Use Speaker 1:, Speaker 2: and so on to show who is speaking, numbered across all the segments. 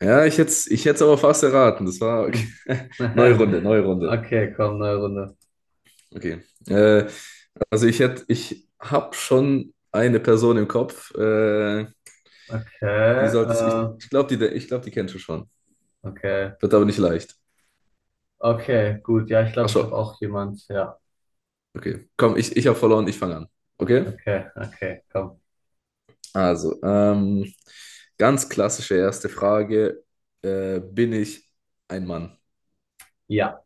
Speaker 1: Ja, ich hätte aber fast erraten. Das war okay.
Speaker 2: Hm.
Speaker 1: Neue Runde, neue Runde.
Speaker 2: Okay, komm, neue Runde.
Speaker 1: Okay. Äh, also ich habe schon eine Person im Kopf. Die
Speaker 2: Okay,
Speaker 1: ich glaube, die kennst du schon.
Speaker 2: okay,
Speaker 1: Wird aber nicht leicht.
Speaker 2: okay, gut. Ja, ich
Speaker 1: Ach
Speaker 2: glaube, ich habe
Speaker 1: so,
Speaker 2: auch jemand. Ja,
Speaker 1: okay. Komm, ich habe verloren, ich fange an. Okay?
Speaker 2: okay, okay, komm.
Speaker 1: Also, ganz klassische erste Frage. Bin ich ein Mann?
Speaker 2: Ja.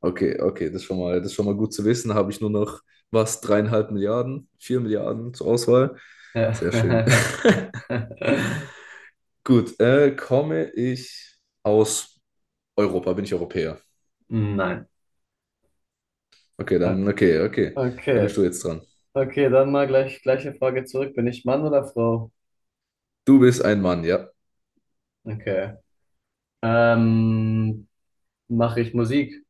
Speaker 1: Okay, okay, das ist schon mal gut zu wissen. Habe ich nur noch was, dreieinhalb Milliarden, vier Milliarden zur Auswahl. Sehr schön. Gut, komme ich aus Europa? Bin ich Europäer?
Speaker 2: Nein.
Speaker 1: Okay,
Speaker 2: Äh,
Speaker 1: okay, okay. Dann
Speaker 2: Okay,
Speaker 1: bist du jetzt dran.
Speaker 2: okay, dann mal gleiche Frage zurück. Bin ich Mann oder Frau?
Speaker 1: Du bist ein Mann, ja.
Speaker 2: Okay. Ähm, mache ich Musik?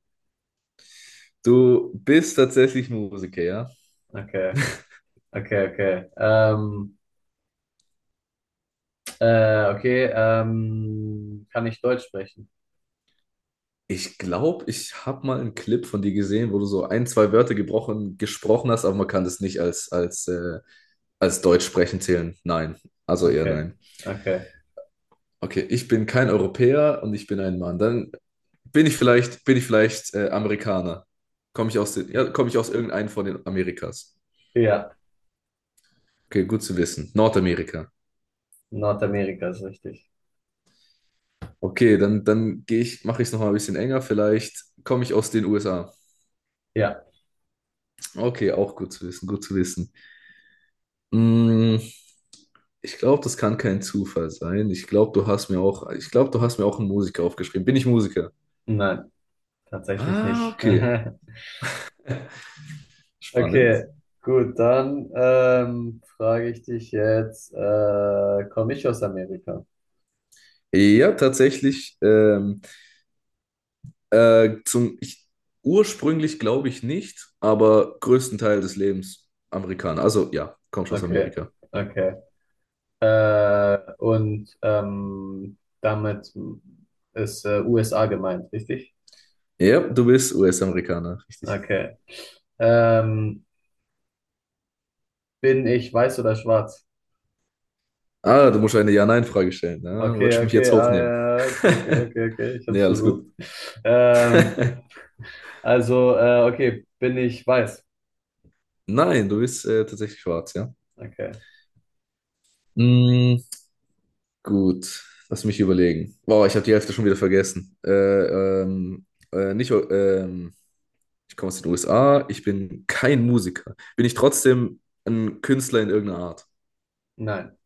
Speaker 1: Du bist tatsächlich Musiker, ja.
Speaker 2: Okay, okay, okay. Okay, kann ich Deutsch sprechen?
Speaker 1: Ich glaube, ich habe mal einen Clip von dir gesehen, wo du so ein, zwei Wörter gebrochen, gesprochen hast, aber man kann das nicht als Deutsch sprechen zählen. Nein, also eher
Speaker 2: Okay,
Speaker 1: nein.
Speaker 2: okay.
Speaker 1: Okay, ich bin kein Europäer und ich bin ein Mann. Dann bin ich vielleicht Amerikaner. Komme ich aus den, ja, komme ich aus irgendeinem von den Amerikas.
Speaker 2: Ja,
Speaker 1: Okay, gut zu wissen. Nordamerika.
Speaker 2: Nordamerika ist richtig.
Speaker 1: Okay, dann mache ich es nochmal ein bisschen enger. Vielleicht komme ich aus den USA.
Speaker 2: Ja,
Speaker 1: Okay, auch gut zu wissen, gut zu wissen. Mm, ich glaube, das kann kein Zufall sein. Ich glaube, du hast mir auch einen Musiker aufgeschrieben. Bin ich Musiker?
Speaker 2: nein, tatsächlich
Speaker 1: Ah,
Speaker 2: nicht.
Speaker 1: okay. Spannend.
Speaker 2: Okay, gut, dann frage ich dich jetzt, komme ich aus Amerika?
Speaker 1: Ja, tatsächlich. Äh, zum, ich, ursprünglich glaube ich nicht, aber größten Teil des Lebens Amerikaner. Also ja, kommst aus
Speaker 2: Okay,
Speaker 1: Amerika.
Speaker 2: okay. Und damit ist USA gemeint, richtig?
Speaker 1: Ja, du bist US-Amerikaner, richtig.
Speaker 2: Okay. Ähm, bin ich weiß oder schwarz?
Speaker 1: Ah, du musst eine Ja-Nein-Frage stellen. Ah,
Speaker 2: Okay,
Speaker 1: wolltest du mich
Speaker 2: okay,
Speaker 1: jetzt
Speaker 2: ah, ja,
Speaker 1: hochnehmen?
Speaker 2: ja, okay, okay, okay, okay, ich
Speaker 1: Nee,
Speaker 2: hab's
Speaker 1: alles
Speaker 2: versucht.
Speaker 1: gut.
Speaker 2: Ähm, Also, okay, bin ich weiß?
Speaker 1: Nein, du bist tatsächlich schwarz, ja.
Speaker 2: Okay.
Speaker 1: Mm, gut, lass mich überlegen. Wow, ich habe die Hälfte schon wieder vergessen. Nicht, ich komme aus den USA, ich bin kein Musiker. Bin ich trotzdem ein Künstler in irgendeiner Art?
Speaker 2: Nein,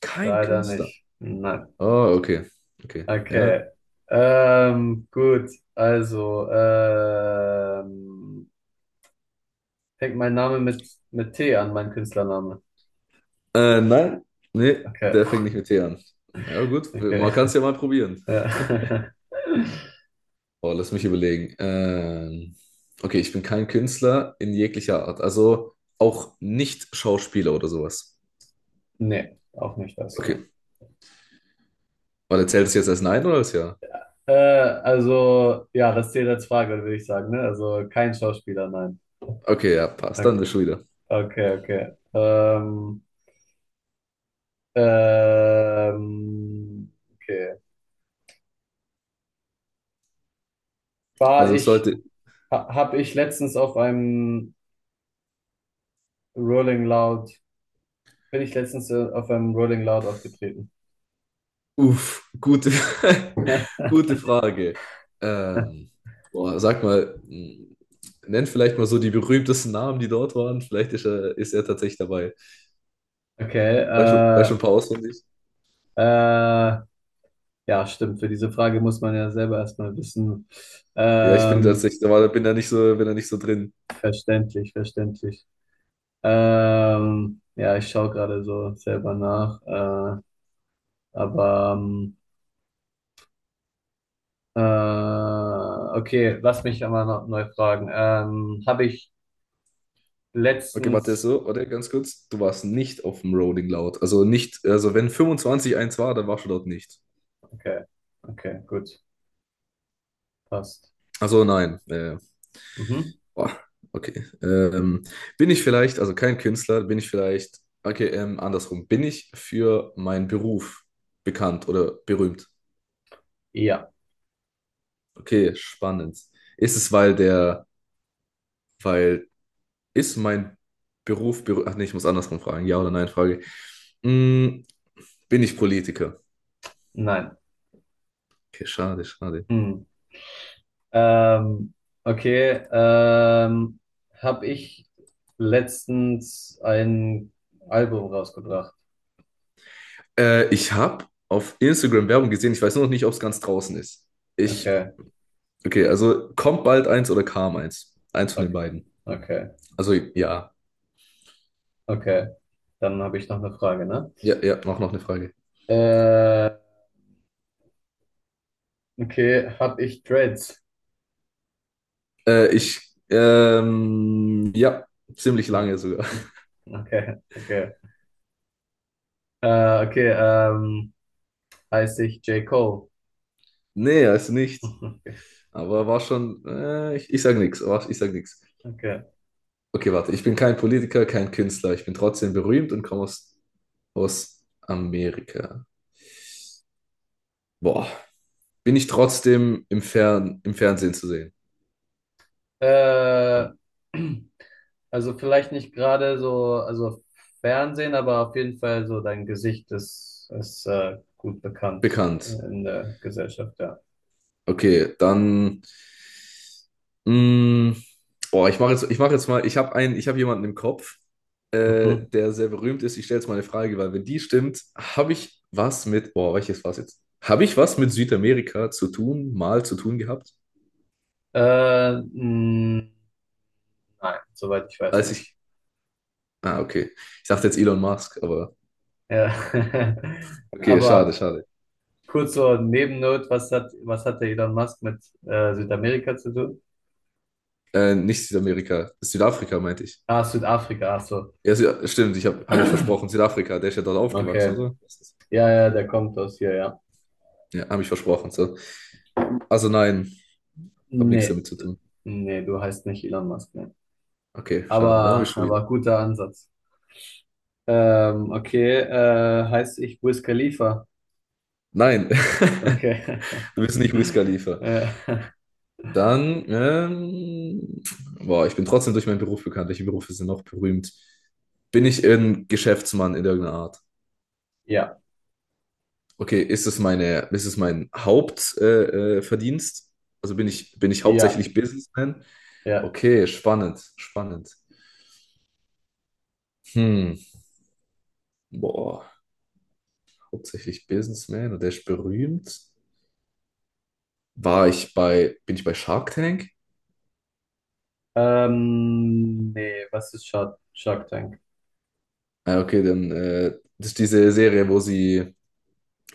Speaker 1: Kein
Speaker 2: leider
Speaker 1: Künstler.
Speaker 2: nicht. Nein.
Speaker 1: Oh, okay. Okay. Ja.
Speaker 2: Okay. Gut, also, ähm, fängt mein Name mit T an, mein Künstlername.
Speaker 1: Nein. Nee,
Speaker 2: Okay,
Speaker 1: der fängt nicht mit T an. Ja, gut.
Speaker 2: okay.
Speaker 1: Man kann es ja mal probieren.
Speaker 2: Ja.
Speaker 1: Oh, lass mich überlegen. Okay, ich bin kein Künstler in jeglicher Art. Also auch nicht Schauspieler oder sowas.
Speaker 2: Nee, auch nicht das, ne.
Speaker 1: Okay. Oder zählt es jetzt als Nein oder als Ja?
Speaker 2: Also, ja, das zählt als Frage, würde ich sagen, ne? Also kein Schauspieler, nein.
Speaker 1: Okay, ja, passt.
Speaker 2: Okay,
Speaker 1: Dann bist schon wieder.
Speaker 2: okay. Okay. Okay. war
Speaker 1: Also es
Speaker 2: ich,
Speaker 1: sollte.
Speaker 2: habe ich letztens auf einem Rolling Loud, bin ich letztens auf einem Rolling Loud aufgetreten.
Speaker 1: Uff, gute Frage. Ähm, boah, sag mal, m, nenn vielleicht mal so die berühmtesten Namen, die dort waren. Ist er tatsächlich dabei.
Speaker 2: Okay,
Speaker 1: Weißt du ein paar auswendig?
Speaker 2: äh, ja, stimmt. Für diese Frage muss man ja selber erstmal wissen.
Speaker 1: Ja, ich bin
Speaker 2: Ähm,
Speaker 1: tatsächlich, da war, bin da nicht so drin.
Speaker 2: verständlich, verständlich. Ja, ich schaue gerade so selber nach. Aber äh, okay, lass mich einmal noch neu fragen. Habe ich
Speaker 1: Okay, warte,
Speaker 2: letztens.
Speaker 1: so, oder ganz kurz. Du warst nicht auf dem Rolling Loud. Also nicht, also wenn 25 eins war, dann warst du dort nicht.
Speaker 2: Okay, okay, gut, passt.
Speaker 1: Also nein.
Speaker 2: Mhm.
Speaker 1: Boah, okay. Also kein Künstler, bin ich vielleicht, okay, andersrum, bin ich für meinen Beruf bekannt oder berühmt?
Speaker 2: Ja,
Speaker 1: Okay, spannend. Ist es, weil der, weil, ist mein Beruf berühmt? Ach nee, ich muss andersrum fragen. Ja oder nein, Frage. Mm, bin ich Politiker?
Speaker 2: nein.
Speaker 1: Okay, schade, schade.
Speaker 2: Hm. Ähm, okay, habe ich letztens ein Album rausgebracht.
Speaker 1: Ich habe auf Instagram Werbung gesehen, ich weiß nur noch nicht, ob es ganz draußen ist. Ich,
Speaker 2: Okay,
Speaker 1: okay, also kommt bald eins oder kam eins? Eins von
Speaker 2: okay,
Speaker 1: den beiden.
Speaker 2: okay,
Speaker 1: Also ja.
Speaker 2: okay. Dann habe ich noch eine Frage, ne?
Speaker 1: Ja, ja, mach noch eine Frage.
Speaker 2: Äh, okay, habe ich Dreads?
Speaker 1: Äh, ich, ja, ziemlich
Speaker 2: Hm.
Speaker 1: lange sogar.
Speaker 2: Hm. Okay, okay. Okay, heiße ich J. Cole?
Speaker 1: Nee, er ist nicht.
Speaker 2: Okay,
Speaker 1: Aber war schon, ich sag nichts, ich sag nichts.
Speaker 2: okay.
Speaker 1: Okay, warte, ich bin kein Politiker, kein Künstler. Ich bin trotzdem berühmt und aus Amerika. Boah, bin ich trotzdem im Fernsehen zu sehen?
Speaker 2: Äh, also vielleicht nicht gerade so, also Fernsehen, aber auf jeden Fall so dein Gesicht ist, ist gut bekannt
Speaker 1: Bekannt.
Speaker 2: in der Gesellschaft, ja.
Speaker 1: Okay, dann. Mh, oh, ich mache jetzt mal, ich habe jemanden im Kopf,
Speaker 2: Mhm.
Speaker 1: der sehr berühmt ist. Ich stelle jetzt mal eine Frage, weil wenn die stimmt, habe ich was mit, boah, welches war's jetzt? Habe ich was mit Südamerika zu tun, mal zu tun gehabt?
Speaker 2: Äh, mh, nein, soweit ich weiß
Speaker 1: Als
Speaker 2: nicht.
Speaker 1: ich, ah, okay. Ich dachte jetzt Elon Musk, aber
Speaker 2: Ja.
Speaker 1: okay, schade,
Speaker 2: Aber
Speaker 1: schade.
Speaker 2: kurz so Nebennot, was hatte Elon Musk mit Südamerika zu tun?
Speaker 1: Nicht Südamerika, Südafrika meinte ich.
Speaker 2: Ah, Südafrika, ach so.
Speaker 1: Ja, ich habe hab hab ich versprochen, Südafrika, der ist ja dort aufgewachsen,
Speaker 2: Okay.
Speaker 1: oder?
Speaker 2: Ja, ja, der kommt aus hier, ja.
Speaker 1: Ja, habe ich versprochen, so. Also nein. Hab nichts
Speaker 2: Nee,
Speaker 1: damit zu
Speaker 2: d-
Speaker 1: tun.
Speaker 2: nee, du heißt nicht Elon Musk, ne?
Speaker 1: Okay, schade, da
Speaker 2: Aber,
Speaker 1: bist du wieder.
Speaker 2: aber guter Ansatz. Okay, heißt ich Wiz Khalifa.
Speaker 1: Nein,
Speaker 2: Okay.
Speaker 1: du bist nicht Wiz Khalifa.
Speaker 2: Äh,
Speaker 1: Dann, boah, ich bin trotzdem durch meinen Beruf bekannt. Welche Berufe sind noch berühmt? Bin ich ein Geschäftsmann in irgendeiner Art?
Speaker 2: ja,
Speaker 1: Okay, ist es mein Hauptverdienst? Verdienst? Bin ich
Speaker 2: ja,
Speaker 1: hauptsächlich Businessman?
Speaker 2: ja.
Speaker 1: Okay, spannend, spannend. Hm, boah, hauptsächlich Businessman und der ist berühmt. Bin ich bei Shark Tank?
Speaker 2: Nee, was ist Shark Tank?
Speaker 1: Ah, okay, dann das ist diese Serie,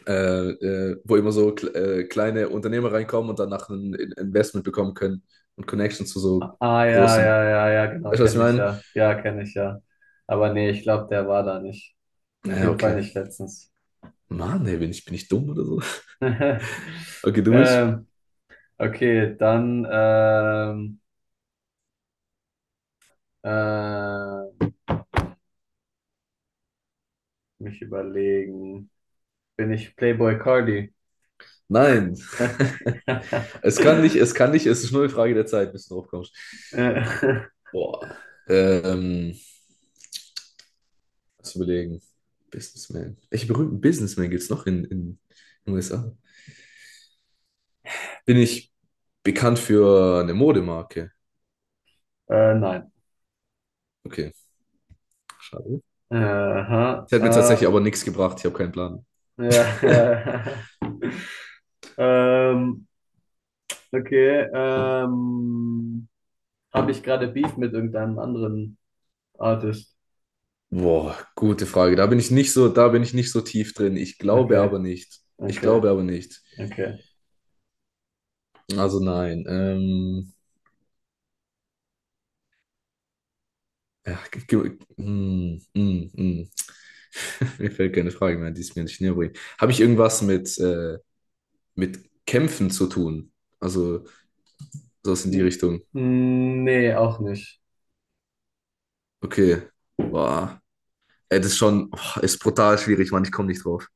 Speaker 1: äh, wo immer so kleine Unternehmer reinkommen und danach ein Investment bekommen können und Connections zu so
Speaker 2: Ah, ah, ja, ja,
Speaker 1: großen.
Speaker 2: ja, ja, genau,
Speaker 1: Weißt du, was ich
Speaker 2: kenne ich
Speaker 1: meine?
Speaker 2: ja. Ja, kenne ich ja. Aber nee, ich glaube, der war da nicht. Auf
Speaker 1: Ja,
Speaker 2: jeden Fall
Speaker 1: okay.
Speaker 2: nicht letztens.
Speaker 1: Mann, ey, bin ich dumm oder so? Okay, du bist?
Speaker 2: Ähm, okay, dann äh, mich überlegen. Bin ich Playboy Cardi?
Speaker 1: Nein.
Speaker 2: äh,
Speaker 1: Es kann nicht, es ist nur eine Frage der Zeit, bis du drauf kommst.
Speaker 2: äh,
Speaker 1: Boah. Ähm, lass überlegen. Businessman. Welche berühmten Businessmen gibt es noch in den USA? Bin ich bekannt für eine Modemarke?
Speaker 2: nein.
Speaker 1: Okay. Schade.
Speaker 2: Äh, aha,
Speaker 1: Das hat mir tatsächlich
Speaker 2: äh,
Speaker 1: aber nichts gebracht. Ich habe keinen Plan.
Speaker 2: ja, ja. Ähm, okay. Habe ich gerade Beef mit irgendeinem anderen Artist?
Speaker 1: Boah, gute Frage. Da bin ich nicht so tief drin. Ich glaube
Speaker 2: Okay,
Speaker 1: aber nicht. Ich
Speaker 2: okay,
Speaker 1: glaube aber nicht.
Speaker 2: okay.
Speaker 1: Also nein. Ja, ge- ge- mm, mm, mm. Mir fällt keine Frage mehr, die es mir nicht näher bringt. Habe ich irgendwas mit Kämpfen zu tun? Also sowas in die Richtung.
Speaker 2: N nee, auch nicht.
Speaker 1: Okay. Boah. Ey, das ist schon, oh, ist brutal schwierig, Mann. Ich komme nicht drauf.